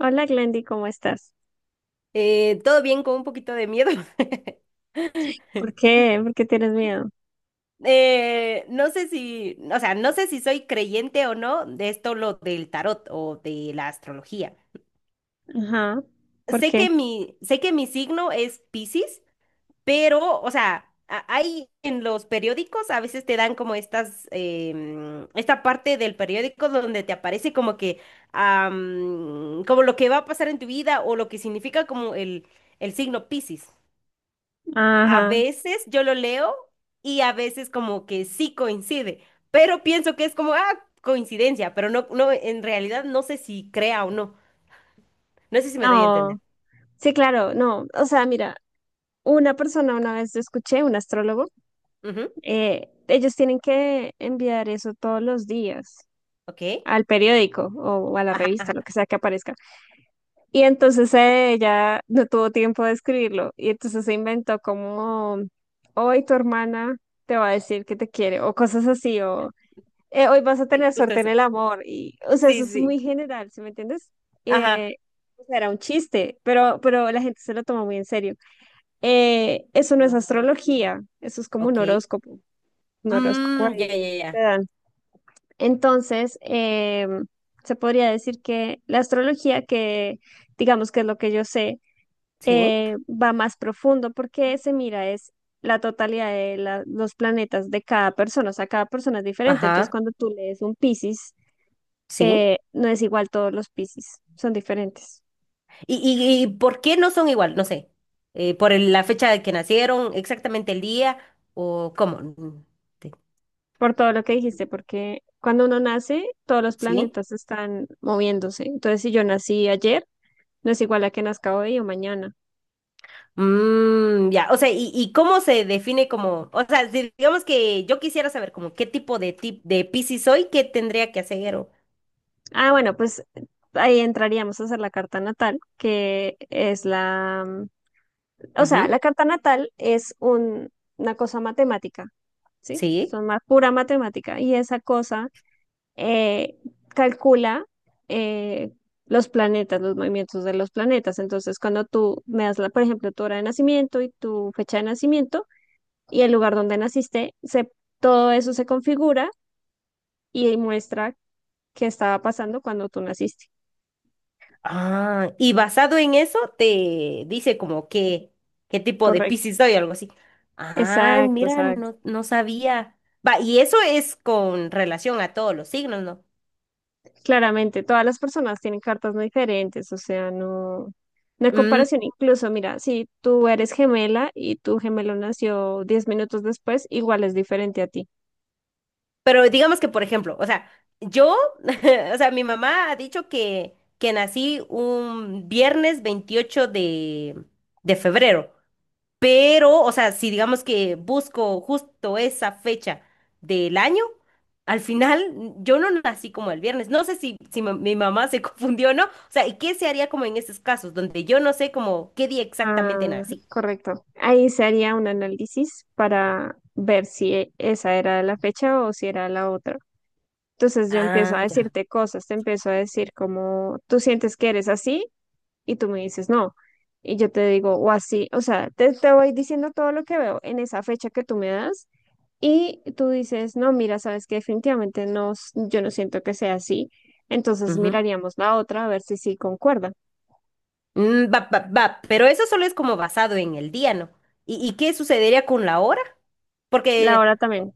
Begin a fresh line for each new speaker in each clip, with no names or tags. Hola Glendy, ¿cómo estás?
Todo bien con un poquito de miedo.
¿Por qué? ¿Por qué tienes miedo?
No sé si, o sea, no sé si soy creyente o no de esto lo del tarot o de la astrología.
Ajá. ¿Por qué?
Sé que mi signo es Piscis, pero, o sea, hay en los periódicos a veces te dan como estas, esta parte del periódico donde te aparece como que, como lo que va a pasar en tu vida o lo que significa como el signo Piscis. A
Ajá.
veces yo lo leo y a veces como que sí coincide, pero pienso que es como, coincidencia, pero no, en realidad no sé si crea o no. No sé si me doy a entender.
No. Sí, claro, no. O sea, mira, una persona una vez yo escuché, un astrólogo,
Ujú.
ellos tienen que enviar eso todos los días
Ok.
al periódico o, a la
Ajá,
revista, lo que sea que aparezca. Y entonces ella no tuvo tiempo de escribirlo y entonces se inventó como, hoy tu hermana te va a decir que te quiere o cosas así o hoy vas a
sí,
tener
justo
suerte en
eso.
el amor. Y, o sea, eso
Sí, sí,
es
sí.
muy general, ¿sí me entiendes?
Ajá,
Eh, o sea, era un chiste, pero la gente se lo toma muy en serio. Eso no es astrología, eso es como
ok.
un horóscopo
Mm, ya,
ahí
ya,
que
ya.
te dan. Entonces, se podría decir que la astrología, que digamos que es lo que yo sé,
Sí,
va más profundo porque se mira es la totalidad de los planetas de cada persona, o sea, cada persona es diferente. Entonces,
ajá,
cuando tú lees un Piscis,
sí.
no es igual todos los Piscis, son diferentes.
¿Y, y y por qué no son igual? No sé. ¿Por la fecha de que nacieron, exactamente el día o cómo? Mm, te-
Por todo lo que dijiste, porque cuando uno nace, todos los
Sí.
planetas están moviéndose. Entonces, si yo nací ayer, no es igual a que nazca hoy o mañana.
Mm, ya, o sea, ¿ y cómo se define como, o sea, si digamos que yo quisiera saber como qué tipo de tip de Piscis soy, qué tendría que hacer o…
Ah, bueno, pues ahí entraríamos a hacer la carta natal, que es la, o sea, la
Ujú,
carta natal es una cosa matemática, ¿sí?
sí.
Son más pura matemática y esa cosa eh, calcula eh, los planetas, los movimientos de los planetas. Entonces, cuando tú me das, la, por ejemplo, tu hora de nacimiento y tu fecha de nacimiento y el lugar donde naciste, se, todo eso se configura y muestra qué estaba pasando cuando tú naciste.
Ah, y basado en eso te dice como qué, qué tipo de
Correcto.
Piscis soy, o algo así. Ah,
Exacto,
mira,
exacto.
no, no sabía. Va, y eso es con relación a todos los signos, ¿no?
Claramente, todas las personas tienen cartas muy diferentes, o sea, no, no hay comparación. Incluso, mira, si tú eres gemela y tu gemelo nació 10 minutos después, igual es diferente a ti.
Pero digamos que, por ejemplo, o sea, yo, o sea, mi mamá ha dicho que nací un viernes 28 de febrero, pero, o sea, si digamos que busco justo esa fecha del año, al final yo no nací como el viernes. No sé si, si mi mamá se confundió o no. O sea, ¿y qué se haría como en esos casos donde yo no sé como qué día
Ah,
exactamente nací?
correcto. Ahí se haría un análisis para ver si esa era la fecha o si era la otra. Entonces yo empiezo a
Ah,
decirte cosas, te empiezo a decir como tú sientes que eres así y tú me dices no. Y yo te digo o así, o sea, te voy diciendo todo lo que veo en esa fecha que tú me das y tú dices, no, mira, sabes que definitivamente no, yo no siento que sea así. Entonces
ya.
miraríamos la otra a ver si sí concuerda.
Mm, va, va, va, pero eso solo es como basado en el día, ¿no? ¿ y qué sucedería con la hora?
La
Porque,
hora también.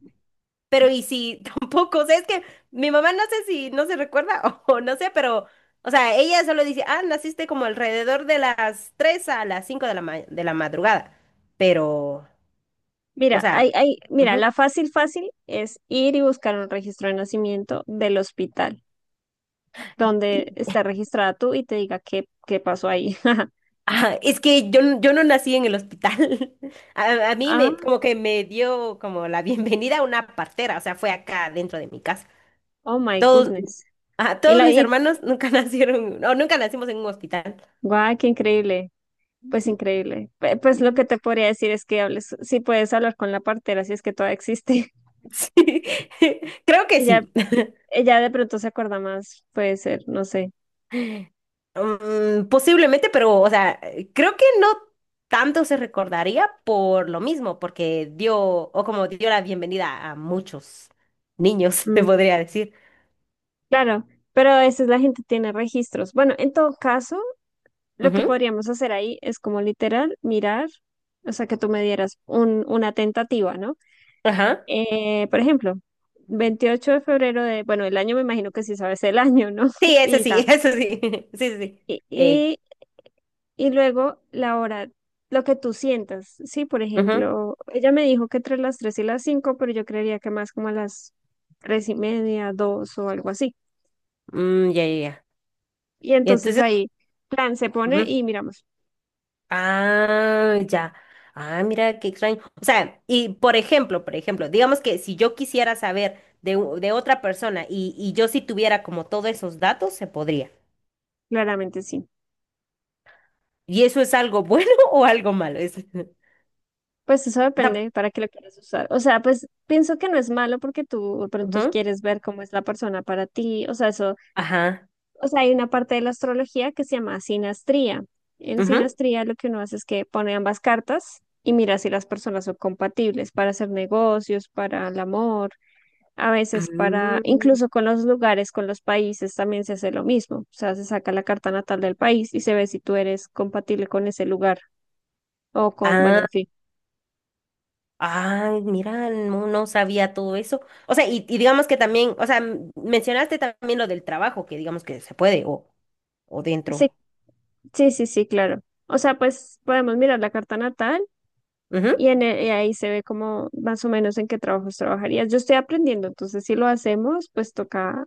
pero y si tampoco, o sea, es que mi mamá no sé si no se recuerda o, no sé, pero, o sea, ella solo dice, ah, naciste como alrededor de las 3 a las 5 de la, de la madrugada, pero, o
Mira,
sea,
mira, la
ujú.
fácil, fácil es ir y buscar un registro de nacimiento del hospital donde está registrada tú y te diga qué pasó ahí.
Ah, es que yo, yo no nací en el hospital. A mí
Ah,
me, como que me dio como la bienvenida a una partera, o sea, fue acá dentro de mi casa.
oh my
Todos,
goodness.
ajá,
Y,
todos
la,
mis
y
hermanos nunca nacieron, o nunca nacimos en un hospital.
Guau, qué increíble. Pues increíble. Pues lo que
Mm,
te podría decir es que hables, si puedes hablar con la partera, si es que todavía existe.
sí, creo que
Ella,
sí.
ella de pronto se acuerda más, puede ser, no sé.
Mm, posiblemente, pero, o sea, creo que no tanto se recordaría por lo mismo, porque dio, o como dio la bienvenida a muchos niños, te
Mm,
podría decir.
claro, pero a veces la gente tiene registros. Bueno, en todo caso, lo que
Ujú.
podríamos hacer ahí es como literal mirar, o sea, que tú me dieras un, una tentativa, ¿no?
Ajá.
Por ejemplo, 28 de febrero de, bueno, el año me imagino que sí sabes el año, ¿no?
Sí, eso
Y
sí,
ta.
eso sí. Sí, sí, sí.
Y,
Eh,
y Y luego la hora, lo que tú sientas, sí, por
ujú,
ejemplo, ella me dijo que entre las 3 y las 5 pero yo creería que más como a las 3 y media, 2 o algo así.
mm, ya, ya, ya.
Y
Y
entonces
entonces…
ahí, plan se pone y miramos,
Ah, ya. Ah, mira qué extraño. O sea, y por ejemplo, digamos que si yo quisiera saber de, de otra persona y yo si tuviera como todos esos datos, se podría.
claramente sí.
¿Y eso es algo bueno o algo malo?
Pues eso
O sea,
depende para qué lo quieras usar. O sea, pues pienso que no es malo porque tú de pronto
ujú,
quieres ver cómo es la persona para ti. O sea, eso.
ajá.
O sea, hay una parte de la astrología que se llama sinastría. En
Ujú.
sinastría lo que uno hace es que pone ambas cartas y mira si las personas son compatibles para hacer negocios, para el amor, a veces para,
Mm.
incluso con los lugares, con los países también se hace lo mismo. O sea, se saca la carta natal del país y se ve si tú eres compatible con ese lugar o con, bueno,
Ah,
en fin.
ay, mira, no, no sabía todo eso. O sea, y digamos que también, o sea, mencionaste también lo del trabajo, que digamos que se puede o
Sí,
dentro.
sí, claro. O sea, pues podemos mirar la carta natal.
Ujú.
Y ahí se ve como más o menos en qué trabajos trabajarías. Yo estoy aprendiendo, entonces si lo hacemos, pues toca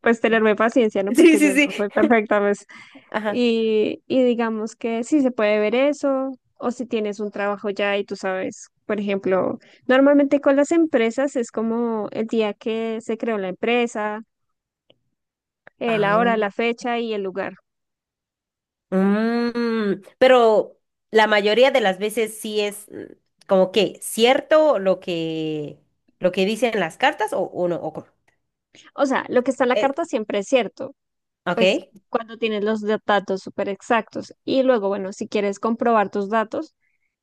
pues tenerme paciencia, ¿no?
Sí,
Porque
sí,
yo
sí.
no soy perfecta, pues.
Ajá.
Y digamos que si se puede ver eso, o si tienes un trabajo ya y tú sabes, por ejemplo, normalmente con las empresas es como el día que se creó la empresa, la
Ah,
hora, la fecha y el lugar.
mm, pero la mayoría de las veces sí es mm, como que cierto lo que dicen las cartas o no o cómo.
O sea, lo que está en la
Eh,
carta siempre es cierto
ok,
pues cuando tienes los datos súper exactos. Y luego, bueno, si quieres comprobar tus datos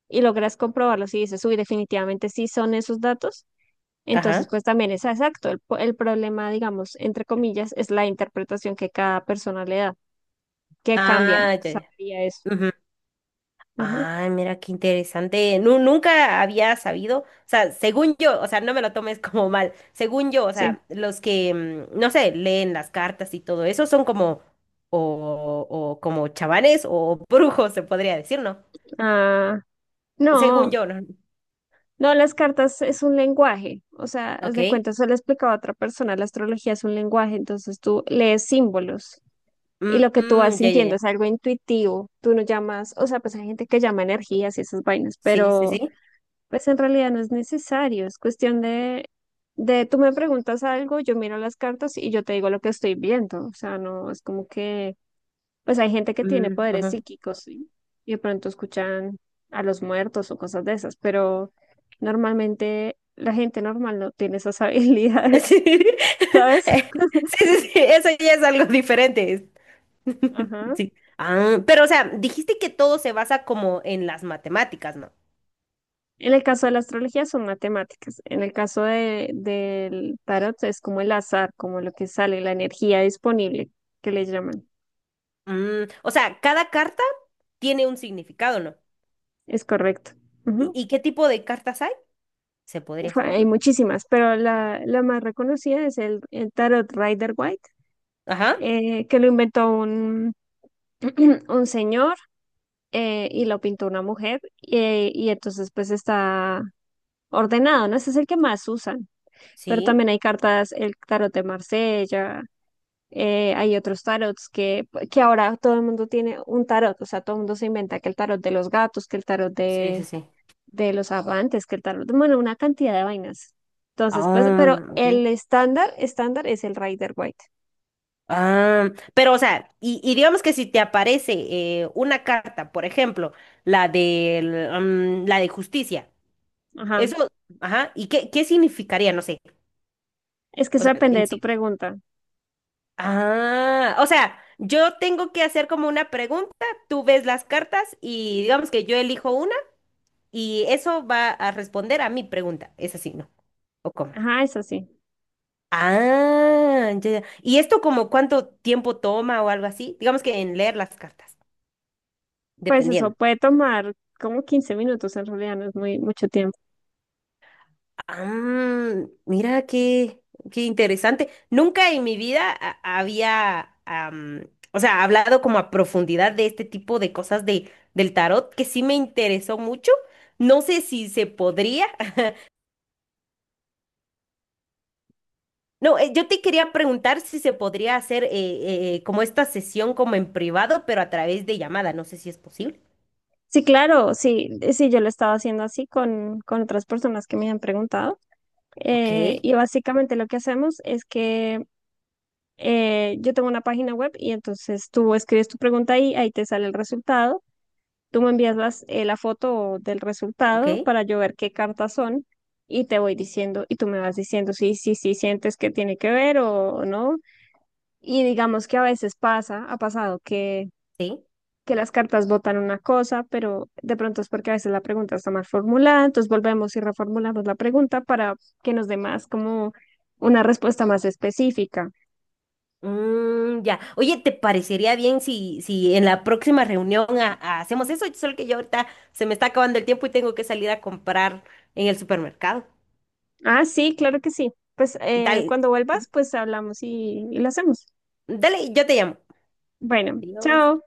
y logras comprobarlos y dices, uy, definitivamente sí son esos datos, entonces
ajá.
pues también es exacto. El problema, digamos, entre comillas, es la interpretación que cada persona le da, que cambia,
Ah, ya, ya.
sabría eso.
Ujú.
Ajá,
Ay, mira qué interesante. Nunca había sabido, o sea, según yo, o sea, no me lo tomes como mal. Según yo, o
sí.
sea, los que, mm, no sé, leen las cartas y todo eso son como, o como chamanes o brujos, se podría decir, ¿no?
Ah,
Según
no.
yo, ¿no?
No, las cartas es un lenguaje, o sea, haz de
Ok.
cuenta, se lo explicaba a otra persona, la astrología es un lenguaje, entonces tú lees símbolos. Y
Mm,
lo que tú vas
mm, ya, ya,
sintiendo
ya.
es algo intuitivo, tú no llamas, o sea, pues hay gente que llama energías y esas vainas,
Sí, sí,
pero
sí.
pues en realidad no es necesario, es cuestión de tú me preguntas algo, yo miro las cartas y yo te digo lo que estoy viendo, o sea, no es como que, pues hay gente que tiene
Mm,
poderes
ajá.
psíquicos, ¿sí? Y de pronto escuchan a los muertos o cosas de esas, pero normalmente la gente normal no tiene esas habilidades,
Sí.
¿sabes?
Sí, sí, sí, eso ya es algo diferente.
Ajá.
Sí. Ah, pero, o sea, dijiste que todo se basa como en las matemáticas, ¿no?
En el caso de la astrología son matemáticas. En el caso de, del tarot es como el azar, como lo que sale, la energía disponible, que le llaman.
Mm, o sea, cada carta tiene un significado, ¿no?
Es correcto.
¿
Ujú.
y qué tipo de cartas hay? Se podría
Uf,
saber,
hay
¿no?
muchísimas, pero la más reconocida es el tarot Rider White,
Ajá.
que lo inventó un, un señor y lo pintó una mujer. Y entonces pues está ordenado, ¿no? Ese es el que más usan. Pero
Sí.
también hay cartas, el tarot de Marsella, hay otros tarots que ahora todo el mundo tiene un tarot, o sea, todo el mundo se inventa que el tarot de los gatos, que el tarot
Sí, sí, sí.
de los amantes, que el tarot, bueno, una cantidad de vainas. Entonces, pues, pero
Ah, ok.
el estándar, estándar es el Rider White.
Ah, pero o sea, y digamos que si te aparece una carta, por ejemplo, la de la de justicia,
Ajá.
eso, ajá, ¿y qué, qué significaría? No sé,
Es que
o
eso
sea,
depende
en
de tu
sí.
pregunta.
Ah, o sea, yo tengo que hacer como una pregunta, tú ves las cartas y digamos que yo elijo una y eso va a responder a mi pregunta, es así, ¿no? ¿O cómo?
Ajá, es así.
Ah, ya, ya. ¿Y esto como cuánto tiempo toma o algo así? Digamos que en leer las cartas,
Pues eso
dependiendo…
puede tomar como 15 minutos, en realidad no es muy mucho tiempo.
Ah, mira qué, qué interesante. Nunca en mi vida había, am, o sea, hablado como a profundidad de este tipo de cosas de, del tarot, que sí me interesó mucho. No sé si se podría. No, yo te quería preguntar si se podría hacer como esta sesión como en privado, pero a través de llamada. No sé si es posible.
Sí, claro, sí, sí, yo lo he estado haciendo así con otras personas que me han preguntado.
Ok,
Y básicamente lo que hacemos es que yo tengo una página web y entonces tú escribes tu pregunta ahí, ahí te sale el resultado. Tú me envías la foto del
ok,
resultado para yo ver qué cartas son y te voy diciendo y tú me vas diciendo si sí, sí, sientes que tiene que ver o no. Y digamos que a veces pasa, ha pasado
sí.
que las cartas votan una cosa, pero de pronto es porque a veces la pregunta está mal formulada, entonces volvemos y reformulamos la pregunta para que nos dé más como una respuesta más específica.
Mm, ya. Oye, ¿te parecería bien si, si en la próxima reunión hacemos eso? Solo que yo ahorita se me está acabando el tiempo y tengo que salir a comprar en el supermercado.
Ah, sí, claro que sí. Pues
Dale,
cuando vuelvas, pues hablamos y lo hacemos.
dale, yo te llamo.
Bueno,
Adiós.
chao.